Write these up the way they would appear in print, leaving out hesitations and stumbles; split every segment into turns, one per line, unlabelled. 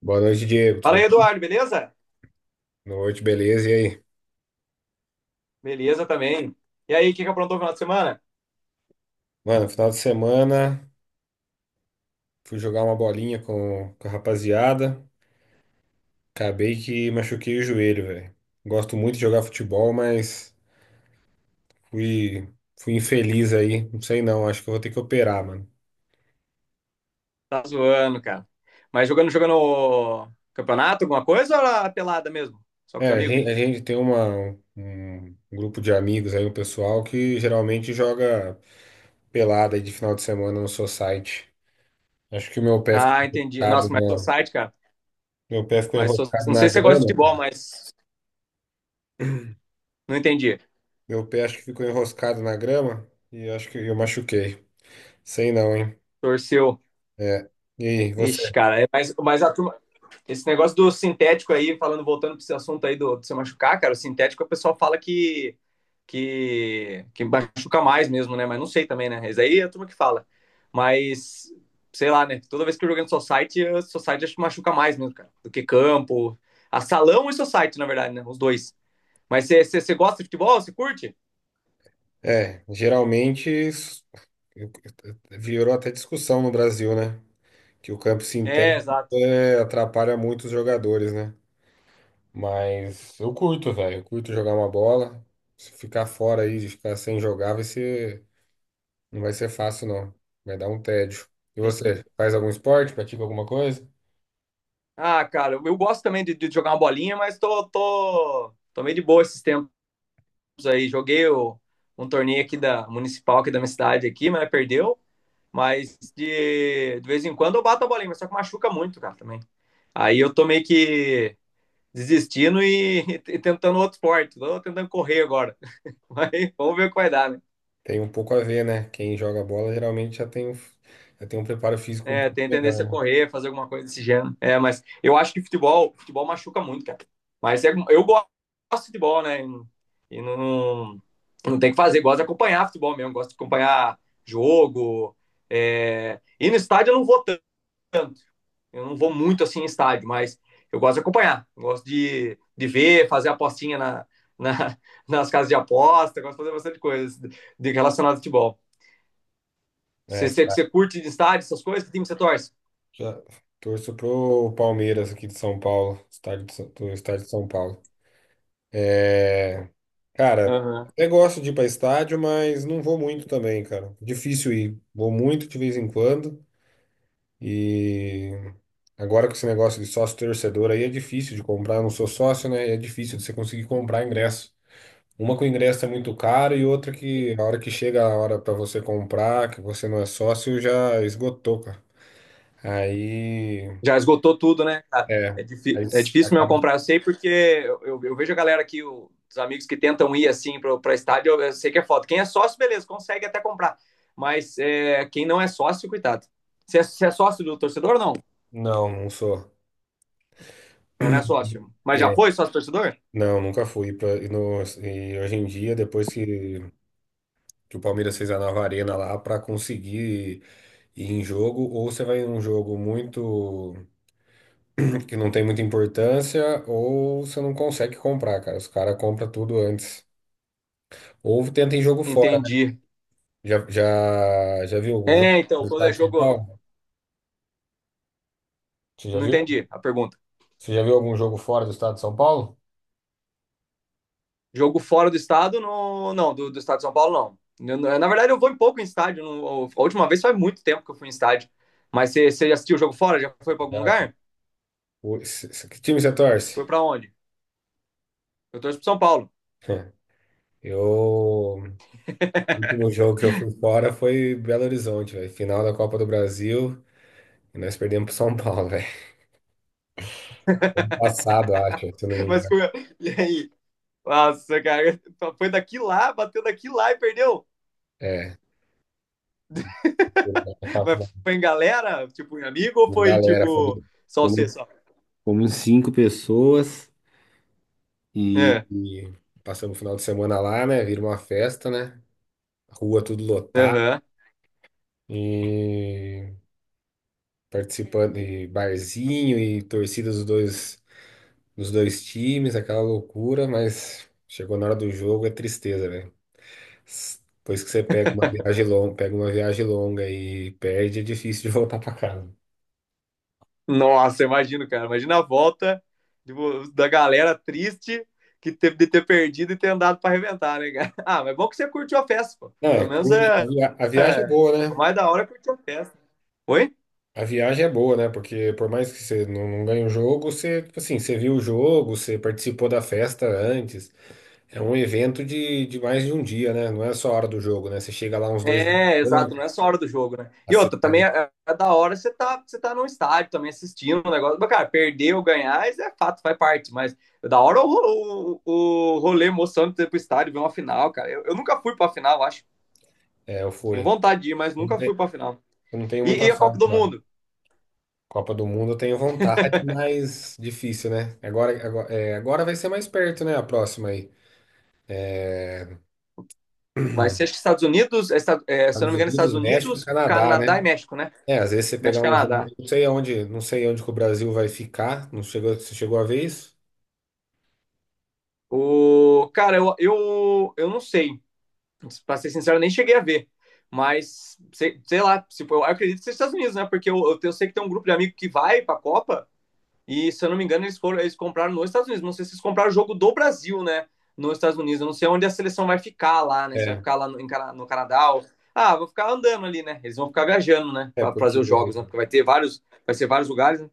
Boa noite, Diego.
Fala aí,
Tudo bom?
Eduardo, beleza?
Boa noite, beleza? E aí?
Beleza também. E aí, o que que aprontou no final de semana?
Mano, final de semana fui jogar uma bolinha com a rapaziada. Acabei que machuquei o joelho, velho. Gosto muito de jogar futebol, mas fui, fui infeliz aí. Não sei não, acho que eu vou ter que operar, mano.
Tá zoando, cara. Mas jogando campeonato, alguma coisa ou era pelada mesmo? Só com
É,
os
a
amigos?
gente, a gente tem uma, um um grupo de amigos aí, um pessoal que geralmente joga pelada aí de final de semana no society. Acho que o meu pé ficou
Ah, entendi.
enroscado
Nossa, mas
na,
society, cara.
meu pé ficou enroscado
Não
na
sei se você gosta de futebol,
grama.
mas não entendi.
Meu pé acho que ficou enroscado na grama e acho que eu machuquei. Sei não, hein?
Torceu.
É. E aí,
Ixi,
você?
cara. Mas, a turma, esse negócio do sintético aí, falando, voltando para esse assunto aí do se machucar, cara, o sintético o pessoal fala que machuca mais mesmo, né? Mas não sei também, né? Isso aí é a turma que fala. Mas, sei lá, né? Toda vez que eu joguei no Society, o Society acho que machuca mais mesmo, cara, do que campo. A salão e Society, na verdade, né? Os dois. Mas você gosta de futebol? Você curte?
É, geralmente eu- virou até discussão no Brasil, né? Que o campo
É,
sintético
exato.
atrapalha muito os jogadores, né? Mas eu curto, velho. Eu curto jogar uma bola. Se ficar fora aí, de ficar sem jogar, vai ser, não vai ser fácil, não. Vai dar um tédio. E
Entendi.
você? Faz algum esporte? Pratica alguma coisa?
Ah, cara, eu gosto também de jogar uma bolinha, mas tô meio de boa esses tempos. Aí, um torneio aqui da municipal aqui da minha cidade aqui, mas perdeu. Mas de vez em quando eu bato a bolinha, mas só que machuca muito, cara, também. Aí eu tô meio que desistindo e, e tentando outro esporte. Tô tentando correr agora. Mas vamos ver o que vai dar, né?
Tem um pouco a ver, né? Quem joga bola geralmente já tem um preparo físico um
É,
pouco
tem tendência a
melhor,
correr, fazer alguma coisa desse gênero. É, mas eu acho que futebol machuca muito, cara. Mas é, eu gosto de futebol, né? E não, não tem o que fazer. Gosto de acompanhar futebol mesmo, gosto de acompanhar jogo. E no estádio eu não vou tanto, eu não vou muito assim em estádio, mas eu gosto de acompanhar, gosto de ver, fazer apostinha na, nas casas de aposta, gosto de fazer bastante coisa de relacionado ao futebol.
né?
Você, você, você curte de estádio, essas coisas? Que time você torce?
Já torço pro Palmeiras aqui de São Paulo, do estádio de São Paulo. É, cara,
Uhum.
até gosto de ir para estádio, mas não vou muito também, cara. Difícil ir. Vou muito de vez em quando e agora com esse negócio de sócio torcedor aí é difícil de comprar. Eu não sou sócio, né? E é difícil de você conseguir comprar ingresso. Uma que o ingresso é muito caro e outra que a hora que chega a hora pra você comprar, que você não é sócio, já esgotou, cara. Aí,
Já esgotou tudo, né, cara?
é,
É,
aí
difí É
s-
difícil mesmo
acaba-
comprar, eu sei, porque eu vejo a galera aqui, o, os amigos que tentam ir assim para estádio, eu sei que é foda. Quem é sócio, beleza, consegue até comprar. Mas é, quem não é sócio, cuidado. Você é sócio do torcedor ou não?
Não, não sou.
Eu não é
E-
sócio. Mas
e
já foi sócio torcedor?
não, nunca fui pra, e, no- e hoje em dia, depois que o Palmeiras fez a nova arena lá pra conseguir ir em jogo, ou você vai em um jogo muito que não tem muita importância, ou você não consegue comprar, cara. Os caras compram tudo antes. Ou tenta em jogo fora.
Entendi.
Já viu algum jogo
É, então,
do
quando
estado
é
de São
jogo.
Paulo? Você já
Não
viu?
entendi a pergunta.
Você já viu algum jogo fora do estado de São Paulo?
Jogo fora do estado, não, do estado de São Paulo, não. Eu, na verdade, eu vou em pouco em estádio. No, a última vez faz muito tempo que eu fui em estádio. Mas você já assistiu o jogo fora? Já foi para algum
Já, cara.
lugar?
Que time você torce?
Foi para onde? Eu torço pro São Paulo.
Eu. O último jogo que eu fui fora foi Belo Horizonte, velho. Final da Copa do Brasil. E nós perdemos pro São Paulo, velho. Ano passado, acho, se eu não me
Mas
engano.
como eu... E aí? Nossa, cara, foi daqui lá, bateu daqui lá e perdeu.
É. Ano passado.
Mas foi em galera, tipo, em amigo ou
Uma
foi,
galera,
tipo, só você
fomos,
só?
fomos cinco pessoas e,
É,
e passamos o final de semana lá, né? Vira uma festa, né? Rua tudo lotada
aham.
e participando de barzinho e torcida dos dois times, aquela loucura, mas chegou na hora do jogo, é tristeza, velho. Depois que você pega uma viagem longa, pega uma viagem longa e perde, é difícil de voltar pra casa.
Nossa, imagino, cara. Imagina a volta, tipo, da galera triste que teve de ter perdido e ter andado pra arrebentar, né, cara? Ah, mas é bom que você curtiu a festa, pô.
Não, é
Pelo menos
curte. A
é
via- a viagem é boa,
o
né?
mais da hora é curtir a festa. Oi?
A viagem é boa, né? Porque por mais que você não ganhe o jogo, você, tipo assim, você viu o jogo, você participou da festa antes. É um evento de mais de um dia, né? Não é só a hora do jogo, né? Você chega lá uns 2 dias.
É, exato, não é só a hora do jogo, né?
A
E outra,
cidade,
também é, é da hora você tá num estádio também assistindo o negócio. Mas, cara, perder ou ganhar, isso é fato, faz parte. Mas é da hora o rolê emocionante de ter pro estádio, ver uma final, cara. Eu nunca fui pra final, acho.
eu
Tenho
fui.
vontade de ir, mas
Eu
nunca fui pra final.
eu não tenho muita
E a Copa
sorte,
do
não.
Mundo?
Copa do Mundo eu tenho vontade, mas difícil, né? Agora vai ser mais perto, né? A próxima aí.
Vai ser, acho que Estados Unidos, é, é, se eu não
Estados
me engano,
Unidos,
Estados
México e
Unidos,
Canadá,
Canadá e
né?
México, né?
É, às vezes você
México
pegar
e
um jogo.
Canadá.
Eu não sei aonde, não sei onde que o Brasil vai ficar. Não chegou, você chegou a ver isso?
O, cara, eu não sei. Pra ser sincero, eu nem cheguei a ver. Mas, sei, sei lá, se, eu acredito que seja Estados Unidos, né? Porque eu sei que tem um grupo de amigos que vai pra Copa e, se eu não me engano, eles foram, eles compraram nos Estados Unidos. Não sei se eles compraram o jogo do Brasil, né? Nos Estados Unidos. Eu não sei onde a seleção vai ficar lá, né? Se vai
É,
ficar lá em no Canadá ou... Ah, vão ficar andando ali, né? Eles vão ficar viajando, né? Pra fazer
Porque
os jogos, né? Porque vai ter vários, vai ser vários lugares, né?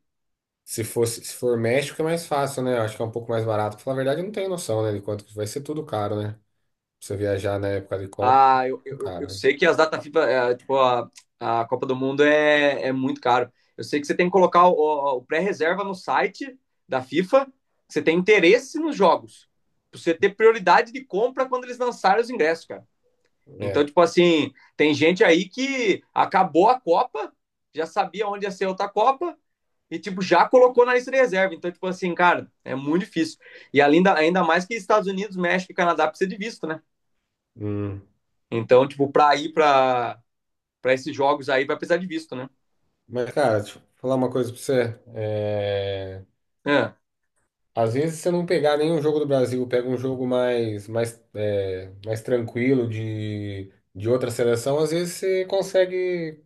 se fosse, se for México é mais fácil, né? Eu acho que é um pouco mais barato. Pra falar a verdade, eu não tenho noção, né, de quanto que vai ser tudo caro, né? Pra você viajar na época de Copa, vai ser
Ah, eu,
tudo
eu, eu
caro,
sei que as data FIFA, é, tipo, a Copa do Mundo é, é muito caro. Eu sei que você tem que colocar o pré-reserva no site da FIFA, que você tem interesse nos jogos, pra você ter prioridade de compra quando eles lançarem os ingressos, cara.
né?
Então,
É.
tipo assim, tem gente aí que acabou a Copa, já sabia onde ia ser outra Copa e, tipo, já colocou na lista de reserva. Então, tipo assim, cara, é muito difícil. E ainda, ainda mais que Estados Unidos, México e Canadá precisa de visto, né?
Hum.
Então, tipo, para ir para esses jogos aí vai precisar de visto, né?
Mas, cara, deixa eu falar uma coisa pra você.
É,
Às vezes, se você não pegar nenhum jogo do Brasil, pega um jogo mais tranquilo de outra seleção, às vezes você consegue,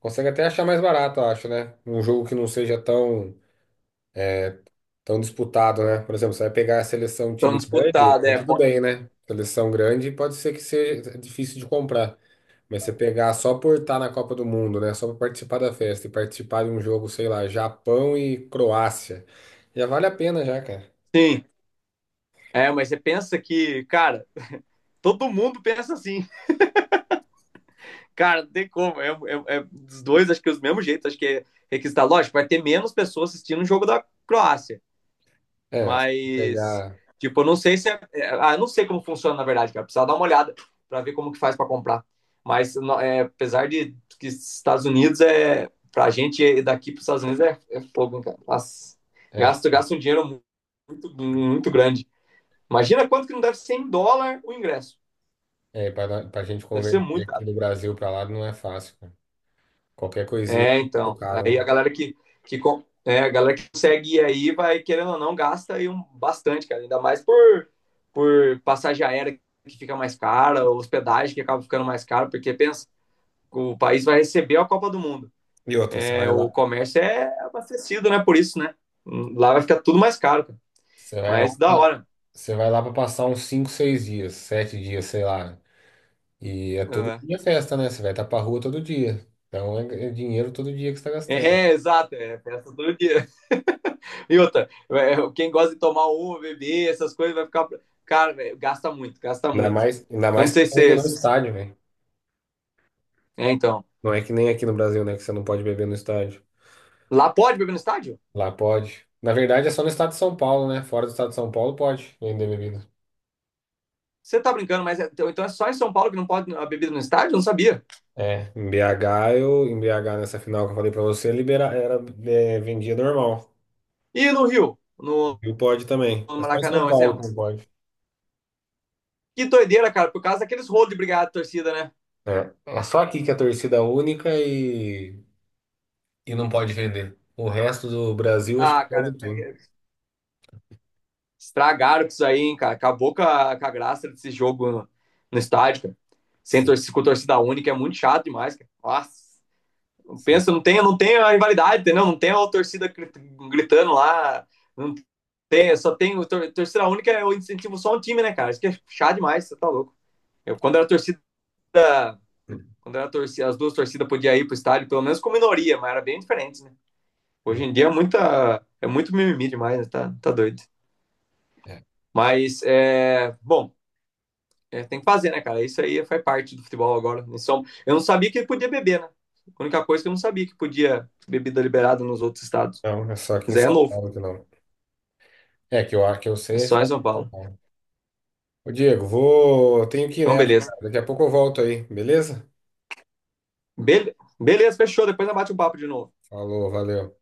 consegue até achar mais barato, eu acho, né? Um jogo que não seja tão disputado, né? Por exemplo, você vai pegar a seleção
tão
time grande,
disputado,
aí
é.
tudo bem, né? Seleção grande pode ser que seja difícil de comprar. Mas você pegar só por estar na Copa do Mundo, né? Só para participar da festa e participar de um jogo, sei lá, Japão e Croácia, já vale a pena já, cara.
Sim. É, mas você pensa que, cara, todo mundo pensa assim. Cara, não tem como. É, os dois, acho que é do mesmo jeito. Acho que é requisitado. Lógico, vai ter menos pessoas assistindo o jogo da Croácia.
É, se
Mas,
pegar
tipo, eu não sei se é. É, Ah, eu não sei como funciona, na verdade, cara. Precisava dar uma olhada para ver como que faz para comprar. Mas é, apesar de que Estados Unidos é. Pra gente daqui para os Estados Unidos é, é fogo, hein, cara. Nossa,
é,
gasto um dinheiro muito grande. Imagina quanto que não deve ser em dólar o ingresso.
é, para a gente
Deve ser
converter
muito.
aqui do Brasil para lá não é fácil, cara. Qualquer coisinha é
É,
muito
então.
caro,
Aí a
né?
galera que, é, a galera que consegue ir aí vai, querendo ou não, gasta aí um, bastante, cara. Ainda mais por passagem aérea que fica mais cara, hospedagem que acaba ficando mais cara, porque pensa, o país vai receber a Copa do Mundo.
E outra,
É, o comércio é abastecido, né? Por isso, né? Lá vai ficar tudo mais caro, cara.
você vai lá,
Mas da
pra-
hora.
você vai lá para passar uns 5, 6 dias, 7 dias, sei lá. E é todo
Uhum.
dia festa, né? Você vai estar pra rua todo dia. Então é dinheiro todo dia que você tá gastando.
É, exato, é festa todo dia. E outra, é, quem gosta de tomar uma, beber, essas coisas, vai ficar. Cara, velho, gasta muito, gasta
Ainda
muito.
mais, ainda
Eu não
mais
sei se.
que é
É,
no
se-
estádio, velho.
É, então.
Não é que nem aqui no Brasil, né? Que você não pode beber no estádio.
Lá pode beber no estádio?
Lá pode. Na verdade, é só no estado de São Paulo, né? Fora do estado de São Paulo pode vender bebida.
Você tá brincando, mas então então é só em São Paulo que não pode a bebida no estádio? Eu não sabia.
Em BH, nessa final que eu falei pra você, libera, era, vendia normal.
E no Rio? No,
E pode também.
no
É só em São
Maracanã, um
Paulo
exemplo.
que não pode.
Que doideira, cara, por causa daqueles rolos de brigada de torcida, né?
É, é só aqui que é torcida única e não pode vender. O resto do Brasil, acho que
Ah,
pode
cara,
tudo.
é, é, estragaram com isso aí, hein, cara. Acabou com a graça desse jogo no estádio, cara. Sem
Sim,
torcida, com torcida única é muito chato demais, cara. Nossa.
sim,
Pensa, não tem, não tem a rivalidade, entendeu? Não tem a torcida gritando lá, não tem, só tem torcida única, eu incentivo só um time, né, cara? Isso que é chato demais, você tá louco. Eu, quando era torcida, as duas torcidas podiam ir pro estádio, pelo menos com minoria, mas era bem diferente, né? Hoje
sim.
em dia é muita, é muito mimimi demais, né? Tá, tá doido.
É.
Mas, é, bom, é, tem que fazer, né, cara? Isso aí faz parte do futebol agora. Eu não sabia que podia beber, né? A única coisa que eu não sabia que podia bebida liberada nos outros estados.
Não, é só aqui em
Mas aí é
São
novo.
Paulo que não. É, que eu acho que eu
É
sei é
só em
estado
São
de São
Paulo.
Paulo. Ô Diego, vou. Tenho que ir
Então,
nessa,
beleza.
cara. Daqui a pouco eu volto aí, beleza?
Beleza, fechou. Depois nós bate o papo de novo.
Falou, valeu.